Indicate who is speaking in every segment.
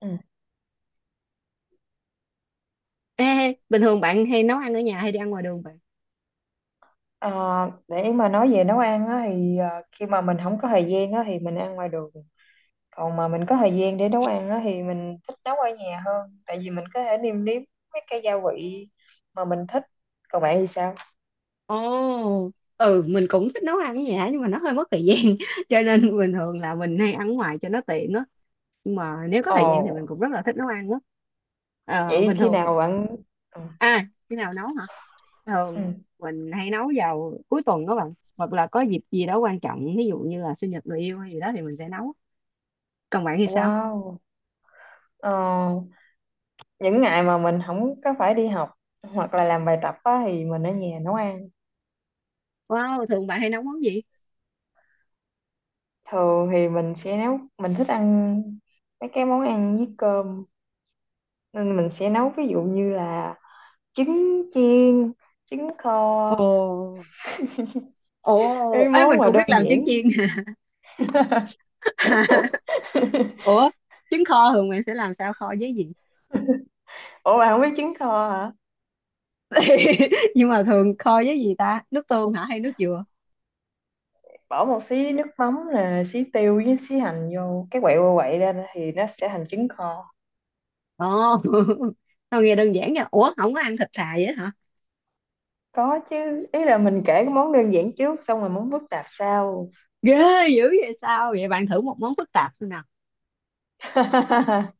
Speaker 1: Ừ.
Speaker 2: Ê, bình thường bạn hay nấu ăn ở nhà hay đi ăn ngoài đường bạn?
Speaker 1: Ờ, để mà nói về nấu ăn á, thì khi mà mình không có thời gian á, thì mình ăn ngoài đường. Còn mà mình có thời gian để nấu ăn á, thì mình thích nấu ở nhà hơn, tại vì mình có thể nêm nếm mấy cái gia vị mà mình thích. Còn bạn thì sao?
Speaker 2: Ồ, ừ mình cũng thích nấu ăn ở nhà nhưng mà nó hơi mất thời gian cho nên bình thường là mình hay ăn ngoài cho nó tiện á. Nhưng mà nếu có thời gian thì
Speaker 1: Ồ,
Speaker 2: mình cũng rất là thích nấu ăn á. Ờ,
Speaker 1: vậy
Speaker 2: bình
Speaker 1: khi
Speaker 2: thường
Speaker 1: nào bạn. Ờ,
Speaker 2: à, khi nào nấu hả?
Speaker 1: ừ.
Speaker 2: Thường mình hay nấu vào cuối tuần đó bạn, hoặc là có dịp gì đó quan trọng, ví dụ như là sinh nhật người yêu hay gì đó thì mình sẽ nấu. Còn bạn thì sao?
Speaker 1: Wow. Ờ, những ngày mà mình không có phải đi học hoặc là làm bài tập á, thì mình ở nhà nấu ăn.
Speaker 2: Wow, thường bạn hay nấu món gì?
Speaker 1: Thường thì mình sẽ nấu, mình thích ăn mấy cái món ăn với cơm, nên mình sẽ nấu ví dụ như là trứng chiên, trứng kho,
Speaker 2: Ồ, ồ
Speaker 1: cái
Speaker 2: ấy,
Speaker 1: món
Speaker 2: mình
Speaker 1: mà
Speaker 2: cũng
Speaker 1: đơn
Speaker 2: biết làm trứng
Speaker 1: giản.
Speaker 2: chiên. Ủa, trứng kho thường bạn sẽ làm sao, kho với gì?
Speaker 1: Ủa bạn không biết trứng kho hả?
Speaker 2: Nhưng mà thường kho với gì ta, nước tương hả hay nước dừa?
Speaker 1: Bỏ một xí nước mắm nè, xí tiêu với xí hành vô, cái quậy qua quậy lên thì nó sẽ thành trứng kho.
Speaker 2: Ồ. Tao nghe đơn giản nha. Ủa, không có ăn thịt thà vậy hả?
Speaker 1: Có chứ, ý là mình kể cái món đơn giản trước xong rồi món phức tạp sau.
Speaker 2: Ghê dữ vậy, sao vậy bạn, thử một món phức tạp xem nào.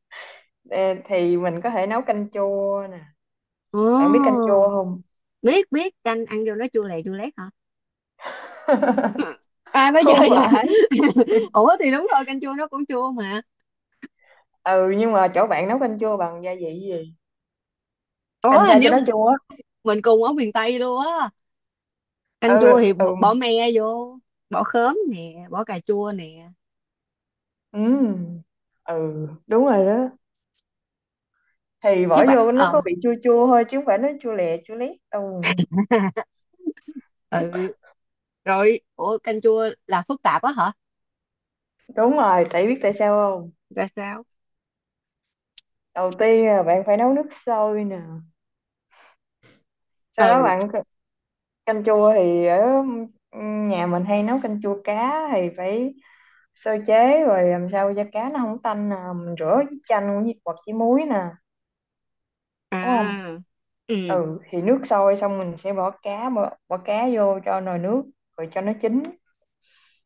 Speaker 1: Ê, thì mình có thể nấu canh chua nè. Bạn biết canh
Speaker 2: Ồ,
Speaker 1: chua không?
Speaker 2: biết biết, canh ăn vô nó chua lè chua lét hả? À, nó
Speaker 1: Không
Speaker 2: chơi vậy.
Speaker 1: phải.
Speaker 2: Ủa thì đúng rồi, canh chua nó cũng chua mà.
Speaker 1: Ừ, nhưng mà chỗ bạn nấu canh chua bằng gia vị gì,
Speaker 2: Ủa,
Speaker 1: làm
Speaker 2: hình
Speaker 1: sao cho
Speaker 2: như
Speaker 1: nó chua?
Speaker 2: mình cùng ở miền Tây luôn á. Canh
Speaker 1: Ờ,
Speaker 2: chua thì
Speaker 1: ừ ừ.
Speaker 2: bỏ me vô, bỏ khóm nè, bỏ cà chua nè.
Speaker 1: Ừm, ừ đúng rồi đó. Thì
Speaker 2: Chứ
Speaker 1: bỏ
Speaker 2: bạn,
Speaker 1: vô nó có
Speaker 2: ờ.
Speaker 1: bị chua chua thôi chứ không phải nó chua lè chua lét, ừ.
Speaker 2: Ừ. Rồi, ủa canh chua là phức tạp á hả?
Speaker 1: Đúng rồi, tại biết tại sao không?
Speaker 2: Ra sao?
Speaker 1: Đầu tiên là bạn phải nấu nước sôi nè, sau đó
Speaker 2: Ừ.
Speaker 1: bạn canh chua thì ở, nhà mình hay nấu canh chua cá thì phải sơ chế, rồi làm sao cho cá nó không tanh nè, mình rửa với chanh với, hoặc với muối nè, đúng không?
Speaker 2: À. Ừ,
Speaker 1: Ừ, thì nước sôi xong mình sẽ bỏ cá, bỏ cá vô cho nồi nước rồi cho nó chín.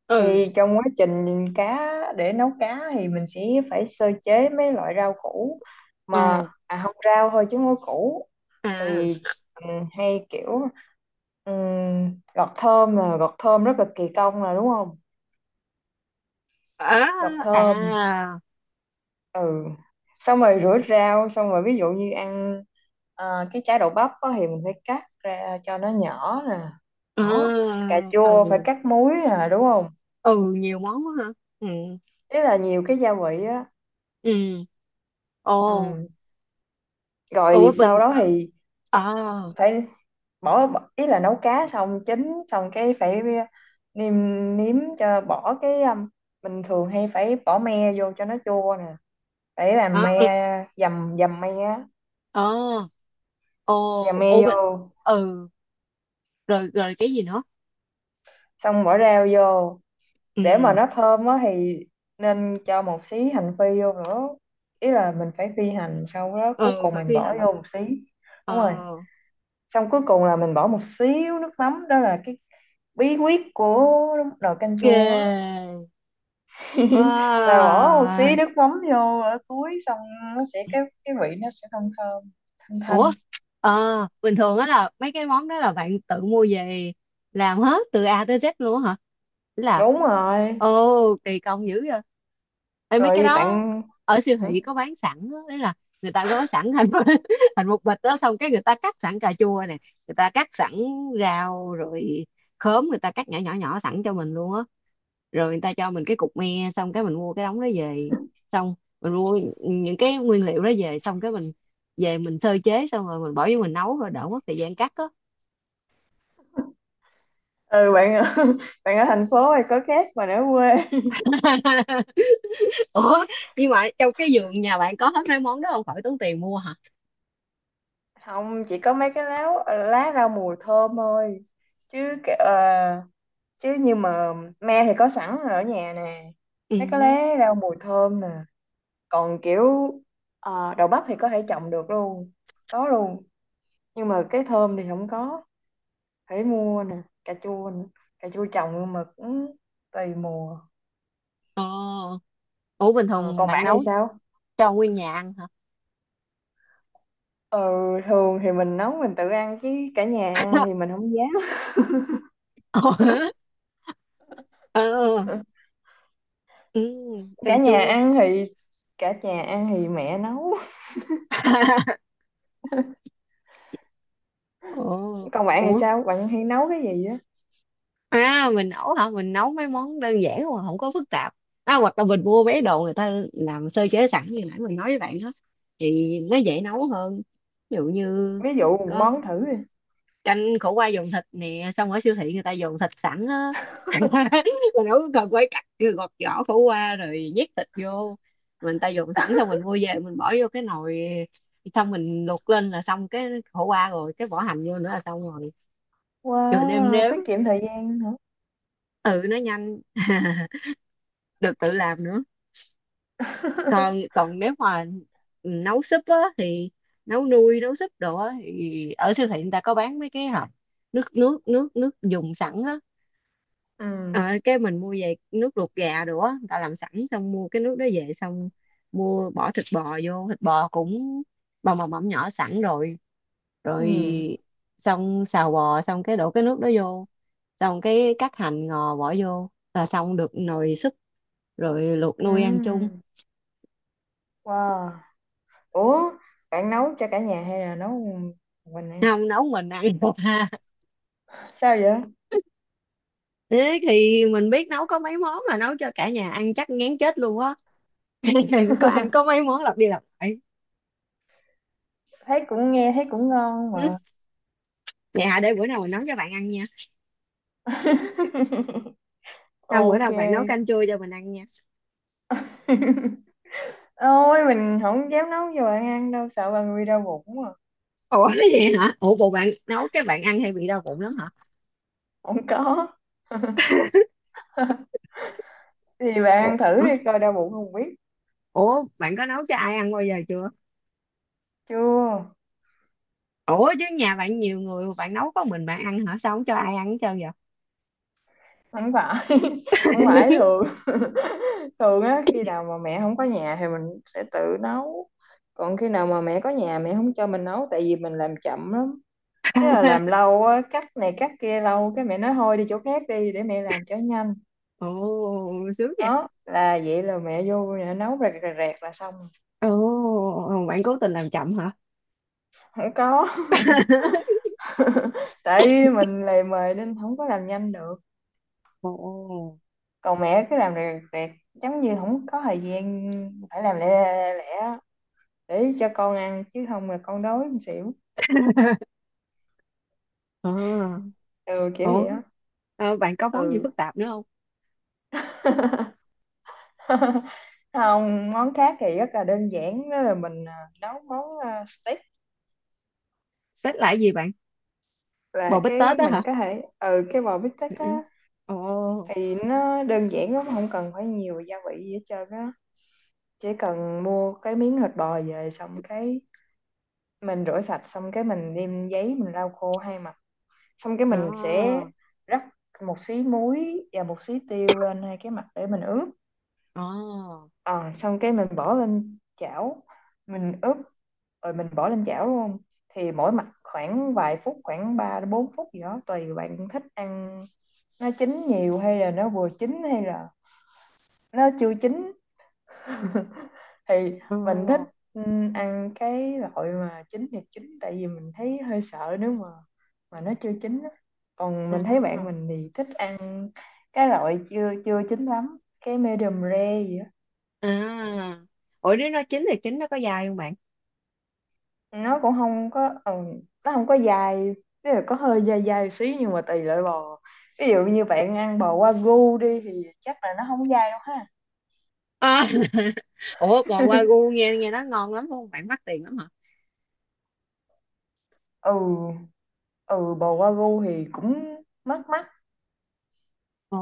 Speaker 2: ừ,
Speaker 1: Thì trong quá trình cá, để nấu cá thì mình sẽ phải sơ chế mấy loại rau củ,
Speaker 2: ừ.
Speaker 1: mà à, không, rau thôi chứ không có củ. Thì
Speaker 2: À,
Speaker 1: mình hay kiểu gọt thơm, là gọt thơm rất là kỳ công, là đúng không?
Speaker 2: à,
Speaker 1: Gọt
Speaker 2: à.
Speaker 1: thơm, ừ, xong rồi rửa rau, xong rồi ví dụ như ăn cái trái đậu bắp á thì mình phải cắt ra cho nó nhỏ nè,
Speaker 2: Ừ,
Speaker 1: đó. Cà chua phải
Speaker 2: ừ,
Speaker 1: cắt múi nè, đúng không?
Speaker 2: ừ, nhiều món quá hả. Ừ.
Speaker 1: Ý là nhiều cái gia vị á.
Speaker 2: Ừ.
Speaker 1: Ừ.
Speaker 2: Ồ.
Speaker 1: Rồi
Speaker 2: Ủa
Speaker 1: sau đó thì
Speaker 2: ờ,
Speaker 1: phải bỏ bỏ- ý là nấu cá xong, chín xong cái phải nêm nếm cho, bỏ cái mình thường hay phải bỏ me vô cho nó chua nè, phải làm
Speaker 2: ờ,
Speaker 1: me, dầm dầm me á,
Speaker 2: ờ.
Speaker 1: dầm
Speaker 2: Ồ,
Speaker 1: me
Speaker 2: ủa
Speaker 1: vô,
Speaker 2: ừ, rồi rồi cái gì nữa?
Speaker 1: xong bỏ rau vô. Để mà
Speaker 2: Ừ.
Speaker 1: nó thơm á thì nên cho một xí hành phi vô nữa, ý là mình phải phi hành sau đó cuối
Speaker 2: Ừ,
Speaker 1: cùng
Speaker 2: phải
Speaker 1: mình
Speaker 2: phi
Speaker 1: bỏ vô
Speaker 2: hành.
Speaker 1: một xí.
Speaker 2: Ờ.
Speaker 1: Đúng rồi, xong cuối cùng là mình bỏ một xíu nước mắm, đó là cái bí quyết của nồi canh
Speaker 2: Ghê.
Speaker 1: chua á. Là bỏ một xí
Speaker 2: Wow.
Speaker 1: nước mắm vô ở cuối xong, nó sẽ cái vị nó sẽ thơm thơm thanh thanh.
Speaker 2: Ủa, ờ, bình thường á là mấy cái món đó là bạn tự mua về, làm hết từ A tới Z luôn á hả? Ý là.
Speaker 1: Đúng rồi,
Speaker 2: Ồ, kỳ công dữ vậy. Ê, mấy cái
Speaker 1: rồi
Speaker 2: đó
Speaker 1: bạn.
Speaker 2: ở siêu
Speaker 1: Hả?
Speaker 2: thị có bán sẵn á, đấy là người ta gói sẵn thành thành một bịch đó, xong cái người ta cắt sẵn cà chua nè, người ta cắt sẵn rau rồi, khóm người ta cắt nhỏ nhỏ nhỏ sẵn cho mình luôn á, rồi người ta cho mình cái cục me, xong cái mình mua cái đống đó về, xong mình mua những cái nguyên liệu đó về xong cái mình về mình sơ chế xong rồi mình bỏ vô mình nấu, rồi đỡ mất thời gian cắt á.
Speaker 1: Ừ bạn. Bạn ở thành phố hay có khác mà ở quê.
Speaker 2: Ủa, nhưng mà trong cái vườn nhà bạn có hết mấy món đó, không phải tốn tiền mua hả?
Speaker 1: Không, chỉ có mấy cái lá lá rau mùi thơm thôi, chứ chứ như mà me thì có sẵn ở nhà nè,
Speaker 2: Ừ.
Speaker 1: mấy cái lá rau mùi thơm nè, còn kiểu đậu bắp thì có thể trồng được luôn, có luôn. Nhưng mà cái thơm thì không có, phải mua nè, cà chua nè. Cà chua trồng nhưng mà cũng tùy mùa.
Speaker 2: Ờ. Ủa bình
Speaker 1: Ờ,
Speaker 2: thường
Speaker 1: còn
Speaker 2: bạn
Speaker 1: bạn hay
Speaker 2: nấu
Speaker 1: sao?
Speaker 2: cho nguyên nhà ăn hả?
Speaker 1: Ờ, thường thì mình nấu mình tự ăn chứ, cả nhà ăn thì mình không dám.
Speaker 2: Ờ. Ừ. Ừ.
Speaker 1: Cả
Speaker 2: Canh
Speaker 1: nhà
Speaker 2: chua.
Speaker 1: ăn thì, cả nhà ăn thì mẹ nấu.
Speaker 2: Ủa.
Speaker 1: Còn bạn thì
Speaker 2: Ủa,
Speaker 1: sao, bạn hay nấu cái gì á?
Speaker 2: à mình nấu hả, mình nấu mấy món đơn giản mà không có phức tạp à, hoặc là mình mua mấy đồ người ta làm sơ chế sẵn như nãy mình nói với bạn đó, thì nó dễ nấu hơn. Ví dụ như
Speaker 1: Ví dụ một
Speaker 2: có
Speaker 1: món thử đi.
Speaker 2: canh khổ qua dùng thịt nè, xong ở siêu thị người ta dùng thịt sẵn á. Mình đâu có cần phải cắt, cứ gọt vỏ khổ qua rồi nhét thịt vô. Mình ta dùng sẵn, xong mình mua về mình bỏ vô cái nồi, xong mình luộc lên là xong cái khổ qua, rồi cái bỏ hành vô nữa là xong rồi. Rồi mình nêm
Speaker 1: Wow,
Speaker 2: nếm.
Speaker 1: tiết kiệm thời gian hả?
Speaker 2: Ừ, nó nhanh. Được tự làm nữa. Còn còn nếu mà nấu súp á thì nấu nuôi, nấu súp đồ á thì ở siêu thị người ta có bán mấy cái hộp nước nước nước nước dùng sẵn á.
Speaker 1: Ừ,
Speaker 2: Ờ, cái mình mua về, nước luộc gà đồ á người ta làm sẵn, xong mua cái nước đó về, xong mua bỏ thịt bò vô, thịt bò cũng bò mỏng mỏng nhỏ sẵn rồi.
Speaker 1: ừ,
Speaker 2: Rồi xong xào bò xong cái đổ cái nước đó vô, xong cái cắt hành ngò bỏ vô là xong được nồi súp, rồi luộc nuôi ăn chung.
Speaker 1: ừ. Wow. Ủa, bạn nấu cho cả nhà hay là nấu một mình ăn?
Speaker 2: Không, nấu mình ăn được. Ha,
Speaker 1: Sao vậy?
Speaker 2: thế thì mình biết nấu có mấy món, là nấu cho cả nhà ăn chắc ngán chết luôn á. Có ăn có mấy món lặp đi lặp lại.
Speaker 1: Thấy cũng, nghe thấy cũng ngon mà.
Speaker 2: Ừ. Dạ, để bữa nào mình nấu cho bạn ăn nha. Sao bữa
Speaker 1: Ok.
Speaker 2: nào bạn nấu canh chua cho mình ăn nha.
Speaker 1: Ôi, mình không dám nấu cho bạn ăn đâu, sợ bạn bị đau bụng mà.
Speaker 2: Ủa cái gì hả? Ủa bộ bạn nấu cái bạn ăn hay bị đau bụng lắm hả?
Speaker 1: Không có. Thì bạn
Speaker 2: Ủa,
Speaker 1: ăn thử đi coi đau bụng không biết.
Speaker 2: ủa bạn có nấu cho ai ăn bao giờ chưa?
Speaker 1: Chưa.
Speaker 2: Ủa chứ nhà bạn nhiều người mà bạn nấu có mình bạn ăn hả? Sao không cho ai ăn hết trơn vậy?
Speaker 1: Không phải. Không phải thường. Thường á khi nào mà mẹ không có nhà thì mình sẽ tự nấu, còn khi nào mà mẹ có nhà mẹ không cho mình nấu tại vì mình làm chậm lắm. Thế là làm lâu á, cắt này cắt kia lâu cái mẹ nói thôi đi chỗ khác đi để mẹ làm cho nhanh.
Speaker 2: Ồ sướng nha.
Speaker 1: Đó là, vậy là mẹ vô nhà nấu rẹt rẹt rẹt là xong.
Speaker 2: Ồ bạn cố tình làm chậm hả?
Speaker 1: Không có. Tại vì mình lề mề nên không có làm nhanh được.
Speaker 2: Ồ.
Speaker 1: Còn mẹ cứ làm rẹt rẹt rẹt, giống như không có thời gian phải làm lẹ, lẹ, để cho con ăn chứ không là con đói con xỉu.
Speaker 2: À.
Speaker 1: Ừ, kiểu
Speaker 2: Ủa,
Speaker 1: vậy đó.
Speaker 2: ờ, bạn có món gì
Speaker 1: Ừ.
Speaker 2: phức tạp nữa không?
Speaker 1: Không, món khác thì rất là đơn giản đó là mình nấu món steak,
Speaker 2: Xếp lại gì bạn?
Speaker 1: là
Speaker 2: Bò bít tết
Speaker 1: cái
Speaker 2: đó hả?
Speaker 1: mình có thể ừ, cái bò bít tết
Speaker 2: Ừ. Ừ.
Speaker 1: á.
Speaker 2: Ồ.
Speaker 1: Thì nó đơn giản lắm, không cần phải nhiều gia vị gì hết trơn á, chỉ cần mua cái miếng thịt bò về, xong cái mình rửa sạch, xong cái mình đem giấy mình lau khô hai mặt, xong cái mình sẽ
Speaker 2: Đó.
Speaker 1: rắc một xí muối và một xí tiêu lên hai cái mặt để mình ướp.
Speaker 2: Ồ.
Speaker 1: Ờ, xong cái mình bỏ lên chảo, mình ướp rồi mình bỏ lên chảo luôn. Thì mỗi mặt khoảng vài phút, khoảng 3 đến 4 phút gì đó tùy bạn thích ăn nó chín nhiều hay là nó vừa chín hay là nó chưa chín. Thì
Speaker 2: Ồ.
Speaker 1: mình thích, ừ, ăn cái loại mà chín thì chín tại vì mình thấy hơi sợ nếu mà nó chưa chín á. Còn mình thấy bạn
Speaker 2: À.
Speaker 1: mình thì thích ăn cái loại chưa chưa chín lắm, cái medium rare gì á.
Speaker 2: À. Ủa nếu nó chín thì chín nó có dai không bạn?
Speaker 1: Nó cũng không có, nó không có dai, tức là có hơi dai dai xí nhưng mà tùy loại bò. Ví dụ như bạn ăn bò wagyu đi thì chắc là nó không dai đâu ha.
Speaker 2: À. Ủa bò wagyu nghe nghe nó ngon lắm không bạn, mắc tiền lắm hả?
Speaker 1: Ừ. Ừ bò wagyu thì cũng mắc mắc.
Speaker 2: Ồ.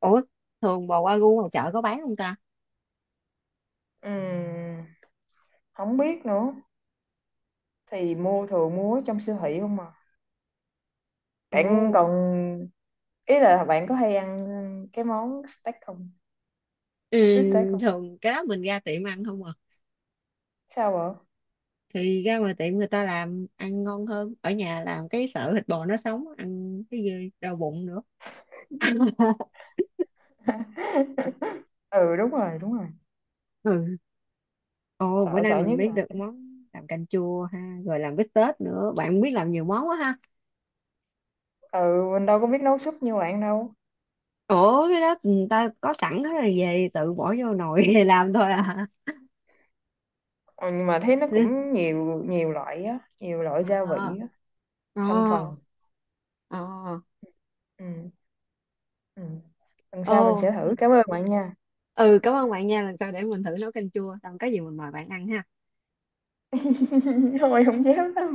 Speaker 2: Ủa, thường bò wagyu ngoài chợ có bán không ta?
Speaker 1: Ừm, không biết nữa, thì mua thường mua trong siêu thị không mà. Bạn
Speaker 2: Ồ.
Speaker 1: còn, ý là bạn có hay ăn cái món steak không,
Speaker 2: Ừ,
Speaker 1: bít steak không?
Speaker 2: thường cái đó mình ra tiệm ăn không à.
Speaker 1: Sao vậy?
Speaker 2: Thì ra ngoài tiệm người ta làm ăn ngon hơn, ở nhà làm cái sợ thịt bò nó sống ăn cái gì đau bụng nữa.
Speaker 1: Ừ đúng rồi đúng rồi.
Speaker 2: Ừ. Ồ bữa
Speaker 1: Sợ
Speaker 2: nay
Speaker 1: sợ
Speaker 2: mình
Speaker 1: nhất
Speaker 2: biết được
Speaker 1: là
Speaker 2: món làm canh chua ha, rồi làm bít tết nữa, bạn biết làm nhiều món quá.
Speaker 1: ừ mình đâu có biết nấu súp như bạn đâu.
Speaker 2: Ủa cái đó người ta có sẵn hết rồi về tự bỏ vô nồi làm thôi à.
Speaker 1: Ừ, nhưng mà thấy nó
Speaker 2: Ừ.
Speaker 1: cũng nhiều nhiều loại á, nhiều loại
Speaker 2: Ờ.
Speaker 1: gia vị á,
Speaker 2: Ờ.
Speaker 1: thành phần.
Speaker 2: Ờ.
Speaker 1: Ừ, ừ. Lần
Speaker 2: Ồ.
Speaker 1: sau mình sẽ thử, cảm ơn bạn nha.
Speaker 2: Ừ, cảm ơn bạn nha, lần sau để mình thử nấu canh chua, xong có gì mình mời bạn ăn ha.
Speaker 1: Thôi không dám đâu.